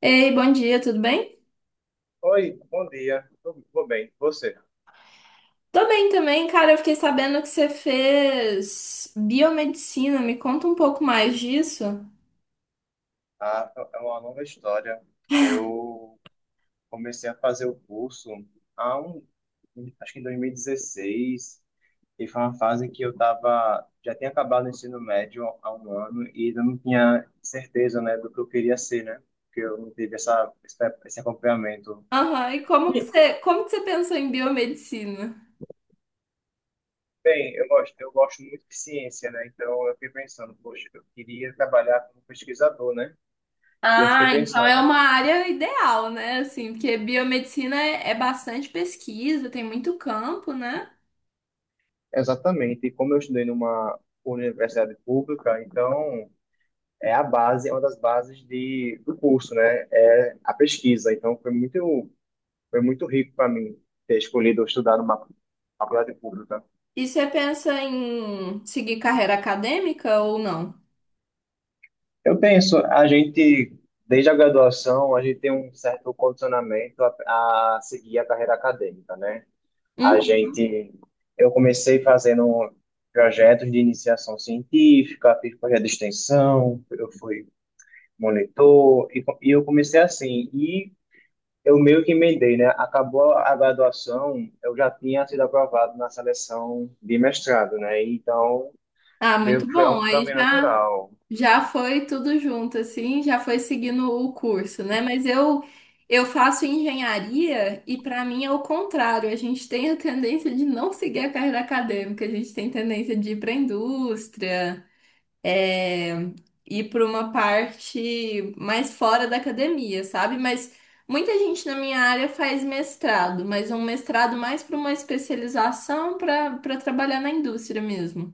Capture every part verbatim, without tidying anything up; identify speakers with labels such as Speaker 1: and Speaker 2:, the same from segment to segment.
Speaker 1: Ei, bom dia, tudo bem?
Speaker 2: Oi, bom dia. Tudo tudo bem? Você?
Speaker 1: Tô bem também, cara. Eu fiquei sabendo que você fez biomedicina. Me conta um pouco mais disso.
Speaker 2: Ah, é uma longa história. Eu comecei a fazer o curso há um, acho que em dois mil e dezesseis, e dezesseis, e foi uma fase que eu tava, já tinha acabado o ensino médio há um ano e eu não tinha certeza, né, do que eu queria ser, né? Porque eu não tive essa, esse esse acompanhamento.
Speaker 1: Aham, e como que
Speaker 2: E,
Speaker 1: você, como que você pensou em biomedicina?
Speaker 2: bem, eu gosto, eu gosto muito de ciência, né? Então eu fiquei pensando, poxa, eu queria trabalhar como pesquisador, né? E eu fiquei
Speaker 1: Ah, então é
Speaker 2: pensando,
Speaker 1: uma área ideal, né? Assim, porque biomedicina é, é bastante pesquisa, tem muito campo, né?
Speaker 2: exatamente. E como eu estudei numa universidade pública, então é a base, é uma das bases de, do curso, né? É a pesquisa. Então foi muito, foi muito rico para mim ter escolhido estudar numa faculdade pública.
Speaker 1: E você pensa em seguir carreira acadêmica ou não?
Speaker 2: Eu penso, a gente, desde a graduação, a gente tem um certo condicionamento a, a seguir a carreira acadêmica, né? A gente, eu comecei fazendo projetos de iniciação científica, fiz projeto de extensão, eu fui monitor, e, co- e eu comecei assim, e eu meio que emendei, né? Acabou a graduação, eu já tinha sido aprovado na seleção de mestrado, né? Então,
Speaker 1: Ah,
Speaker 2: meio
Speaker 1: muito
Speaker 2: que foi um
Speaker 1: bom. Aí
Speaker 2: caminho
Speaker 1: já
Speaker 2: natural.
Speaker 1: já foi tudo junto assim, já foi seguindo o curso, né? Mas eu eu faço engenharia e para mim é o contrário. A gente tem a tendência de não seguir a carreira acadêmica, a gente tem tendência de ir para a indústria, é, ir para uma parte mais fora da academia, sabe? Mas muita gente na minha área faz mestrado, mas um mestrado mais para uma especialização para para trabalhar na indústria mesmo.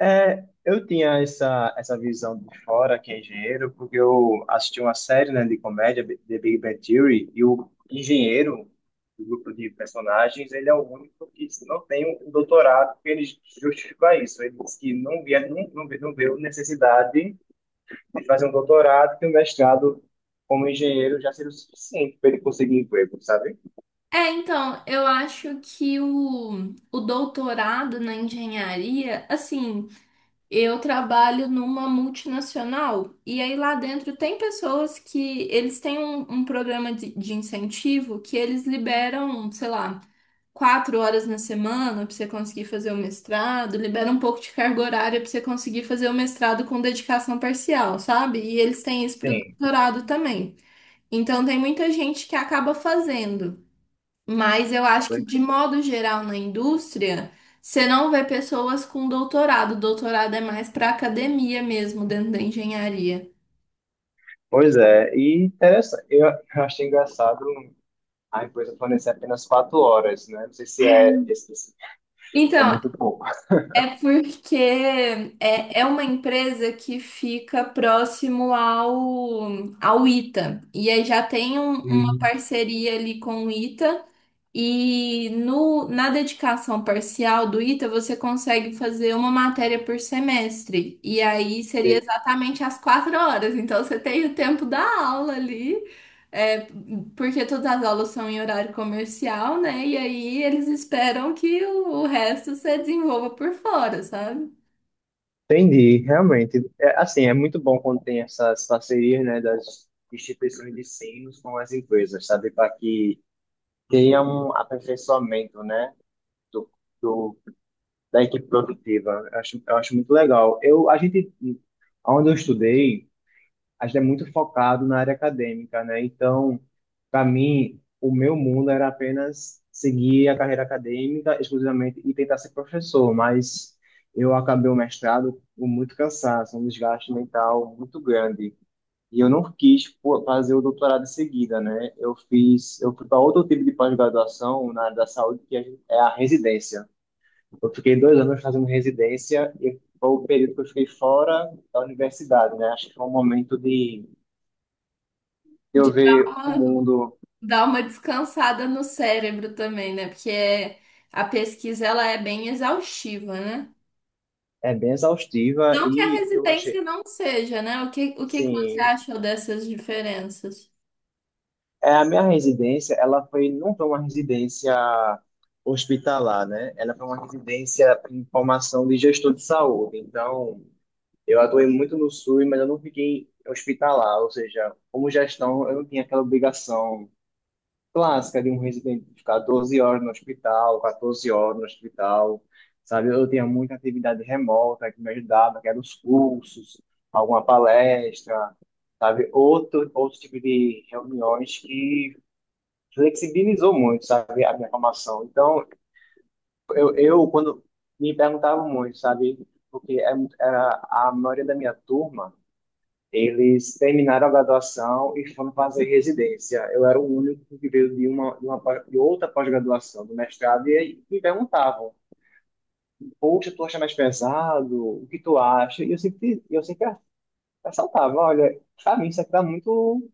Speaker 2: É, eu tinha essa, essa visão de fora, que é engenheiro, porque eu assisti uma série, né, de comédia, B- The Big Bang Theory, e o engenheiro do grupo de personagens, ele é o único que não tem um doutorado, porque ele justifica isso. Ele disse que não via, não, não, vê- não viu necessidade ele fazer um doutorado e um mestrado como engenheiro já seria o suficiente para ele conseguir emprego, sabe?
Speaker 1: É, então, eu acho que o, o doutorado na engenharia, assim, eu trabalho numa multinacional e aí lá dentro tem pessoas que eles têm um, um programa de, de incentivo que eles liberam, sei lá, quatro horas na semana pra você conseguir fazer o mestrado, libera um pouco de carga horária pra você conseguir fazer o mestrado com dedicação parcial, sabe? E eles têm isso pro
Speaker 2: Sim.
Speaker 1: doutorado também. Então tem muita gente que acaba fazendo. Mas eu acho que, de modo geral, na indústria, você não vê pessoas com doutorado. Doutorado é mais para academia mesmo, dentro da engenharia.
Speaker 2: Pois é, e interessante. Eu, eu achei engraçado a empresa fornecer apenas quatro horas, né? Não sei se é, esse- esse- é
Speaker 1: Então,
Speaker 2: muito pouco.
Speaker 1: é porque é, é uma empresa que fica próximo ao, ao ITA. E aí já tem um- uma
Speaker 2: Hum,
Speaker 1: parceria ali com o ITA. E no, na dedicação parcial do ITA, você consegue fazer uma matéria por semestre. E aí seria exatamente as quatro horas. Então você tem o tempo da aula ali, é, porque todas as aulas são em horário comercial, né? E aí eles esperam que o, o resto você desenvolva por fora, sabe?
Speaker 2: Entendi, realmente. É, assim, é muito bom quando tem essas parcerias, né, das instituições de ensino com as empresas, sabe? Para que tenha um aperfeiçoamento, né, do, da equipe produtiva. Eu acho, eu acho muito legal. Eu, a gente, onde eu estudei, a gente é muito focado na área acadêmica, né? Então, para mim, o meu mundo era apenas seguir a carreira acadêmica exclusivamente e tentar ser professor, mas eu acabei o mestrado com muito cansaço, um desgaste mental muito grande. E eu não quis pô, fazer o doutorado em seguida, né? Eu fiz, eu fui para outro tipo de pós-graduação na área da saúde, que é é a residência. Eu fiquei dois anos fazendo residência e foi o período que eu fiquei fora da universidade, né? Acho que foi um momento de eu
Speaker 1: De dar
Speaker 2: ver o
Speaker 1: uma,
Speaker 2: mundo
Speaker 1: dar uma descansada no cérebro também, né? Porque é- a pesquisa ela é bem exaustiva, né?
Speaker 2: é bem exaustiva
Speaker 1: Não que a
Speaker 2: e eu
Speaker 1: residência
Speaker 2: achei,
Speaker 1: não seja, né? O que, o que que você
Speaker 2: sim,
Speaker 1: achou dessas diferenças?
Speaker 2: é a minha residência, ela foi não foi uma residência hospitalar, né? Ela foi uma residência em formação de gestor de saúde. Então, eu atuei muito no SUS, mas eu não fiquei hospitalar, ou seja, como gestão, eu não tinha aquela obrigação clássica de um residente ficar doze horas no hospital, 14 horas no hospital, sabe? Eu tinha muita atividade remota que me ajudava, que eram os cursos, alguma palestra, sabe? Outro, outro tipo de reuniões que flexibilizou muito, sabe? A minha formação. Então, eu, eu quando me perguntavam muito, sabe? Porque é- Era a maioria da minha turma, eles terminaram a graduação e foram fazer residência. Eu era o único que veio de uma, de uma pós- de outra pós-graduação, do mestrado, e aí me perguntavam: poxa, tu acha mais pesado? O que tu acha? E eu sempre, eu sempre ressaltava: olha, para mim isso aqui está muito,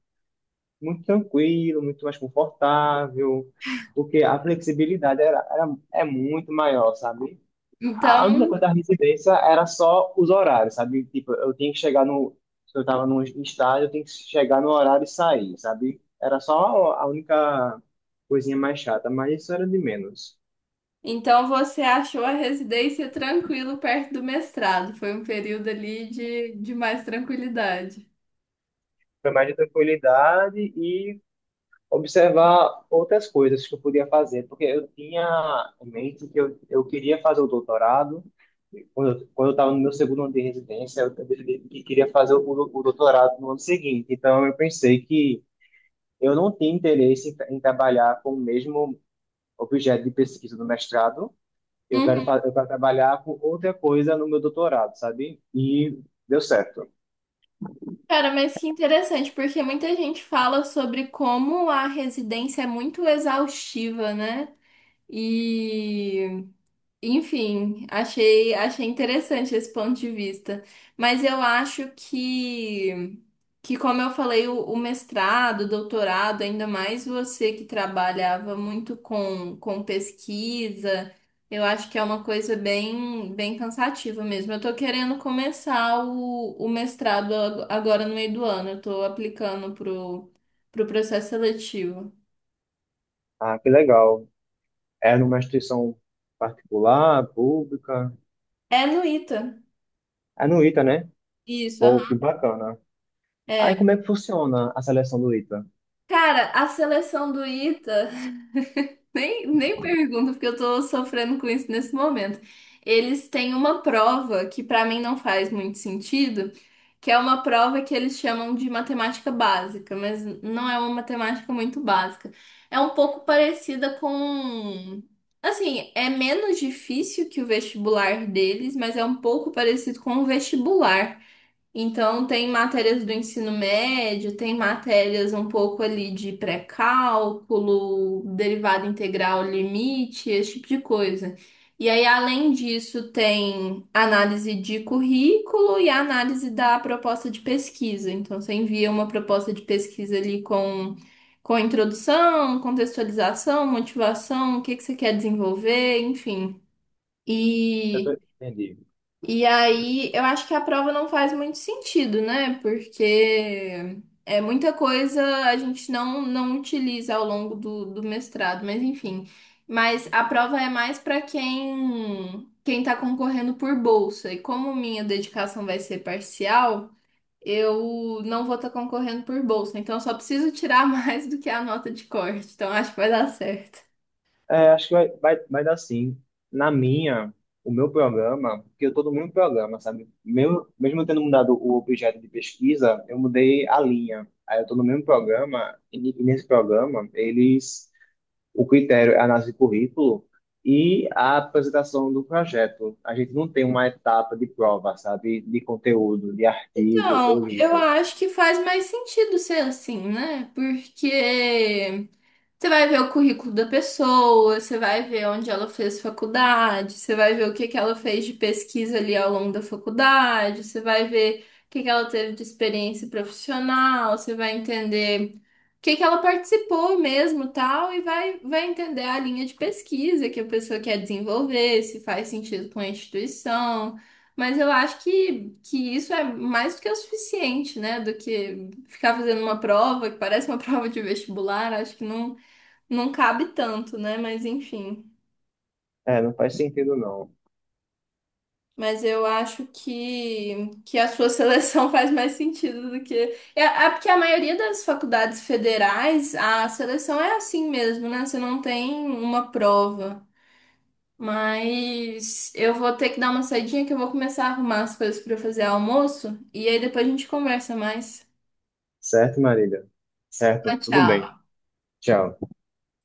Speaker 2: muito tranquilo, muito mais confortável, porque a flexibilidade era, era, é muito maior, sabe? A
Speaker 1: Então,
Speaker 2: única coisa da residência era só os horários, sabe? Tipo, eu tinha que chegar no. Se eu tava no estádio, eu tinha que chegar no horário e sair, sabe? Era só a única coisinha mais chata, mas isso era de menos.
Speaker 1: então você achou a residência tranquilo perto do mestrado. Foi um período ali de, de mais tranquilidade.
Speaker 2: Foi mais de tranquilidade e observar outras coisas que eu podia fazer, porque eu tinha em mente que eu, eu queria fazer o doutorado. Quando eu, quando eu estava no meu segundo ano de residência, eu decidi que queria fazer o, o doutorado no ano seguinte. Então, eu pensei que eu não tinha interesse em, tra- em trabalhar com o mesmo objeto de pesquisa do mestrado. Eu quero,
Speaker 1: Uhum.
Speaker 2: fa- eu quero trabalhar com outra coisa no meu doutorado, sabe? E deu certo.
Speaker 1: Cara, mas que interessante, porque muita gente fala sobre como a residência é muito exaustiva, né? E, enfim, achei, achei interessante esse ponto de vista. Mas eu acho que Que, como eu falei, o, o mestrado, o doutorado, ainda mais você que trabalhava muito com, com pesquisa, eu acho que é uma coisa bem, bem cansativa mesmo. Eu tô querendo começar o, o mestrado ag- agora no meio do ano, eu tô aplicando pro, pro processo seletivo.
Speaker 2: Ah, que legal. Era numa instituição particular, pública.
Speaker 1: É no ITA,
Speaker 2: É no ITA, né?
Speaker 1: isso,
Speaker 2: Pô, que
Speaker 1: aham.
Speaker 2: bacana. Aí
Speaker 1: É.
Speaker 2: como é que funciona a seleção do ITA?
Speaker 1: Cara, a seleção do ITA. Nem, nem pergunto, porque eu tô sofrendo com isso nesse momento. Eles têm uma prova que pra mim não faz muito sentido, que é uma prova que eles chamam de matemática básica, mas não é uma matemática muito básica. É um pouco parecida com. Assim, é menos difícil que o vestibular deles, mas é um pouco parecido com o vestibular. Então, tem matérias do ensino médio, tem matérias um pouco ali de pré-cálculo, derivada integral, limite, esse tipo de coisa. E aí, além disso, tem análise de currículo e análise da proposta de pesquisa. Então, você envia uma proposta de pesquisa ali com, com introdução, contextualização, motivação, o que que você quer desenvolver, enfim.
Speaker 2: Eu
Speaker 1: E.
Speaker 2: tô... Entendi.
Speaker 1: E aí, eu acho que a prova não faz muito sentido, né? Porque é muita coisa a gente não, não utiliza ao longo do, do mestrado, mas enfim. Mas a prova é mais para quem quem está concorrendo por bolsa. E como minha dedicação vai ser parcial, eu não vou estar concorrendo por bolsa. Então, eu só preciso tirar mais do que a nota de corte. Então, acho que vai dar certo.
Speaker 2: É, acho que vai, vai, vai dar sim. Na minha, o meu programa, porque eu tô no mesmo programa, sabe? Meu, mesmo eu tendo mudado o objeto de pesquisa, eu mudei a linha. Aí eu tô no mesmo programa, e ne- e nesse programa, eles, o critério é a análise de currículo e a apresentação do projeto. A gente não tem uma etapa de prova, sabe? De conteúdo, de artigo
Speaker 1: Então,
Speaker 2: ou
Speaker 1: eu
Speaker 2: livro.
Speaker 1: acho que faz mais sentido ser assim, né? Porque você vai ver o currículo da pessoa, você vai ver onde ela fez faculdade, você vai ver o que que ela fez de pesquisa ali ao longo da faculdade, você vai ver o que que ela teve de experiência profissional, você vai entender o que que ela participou mesmo, tal, e vai, vai entender a linha de pesquisa que a pessoa quer desenvolver, se faz sentido com a instituição. Mas eu acho que, que isso é mais do que o suficiente, né? Do que ficar fazendo uma prova que parece uma prova de vestibular, acho que não não cabe tanto, né? Mas enfim.
Speaker 2: É, não faz sentido não.
Speaker 1: Mas eu acho que, que a sua seleção faz mais sentido do que. É, é porque a maioria das faculdades federais, a seleção é assim mesmo, né? Você não tem uma prova. Mas eu vou ter que dar uma saidinha que eu vou começar a arrumar as coisas para fazer almoço. E aí depois a gente conversa mais.
Speaker 2: Certo, Marília? Certo,
Speaker 1: Tchau,
Speaker 2: tudo bem.
Speaker 1: tchau.
Speaker 2: Tchau.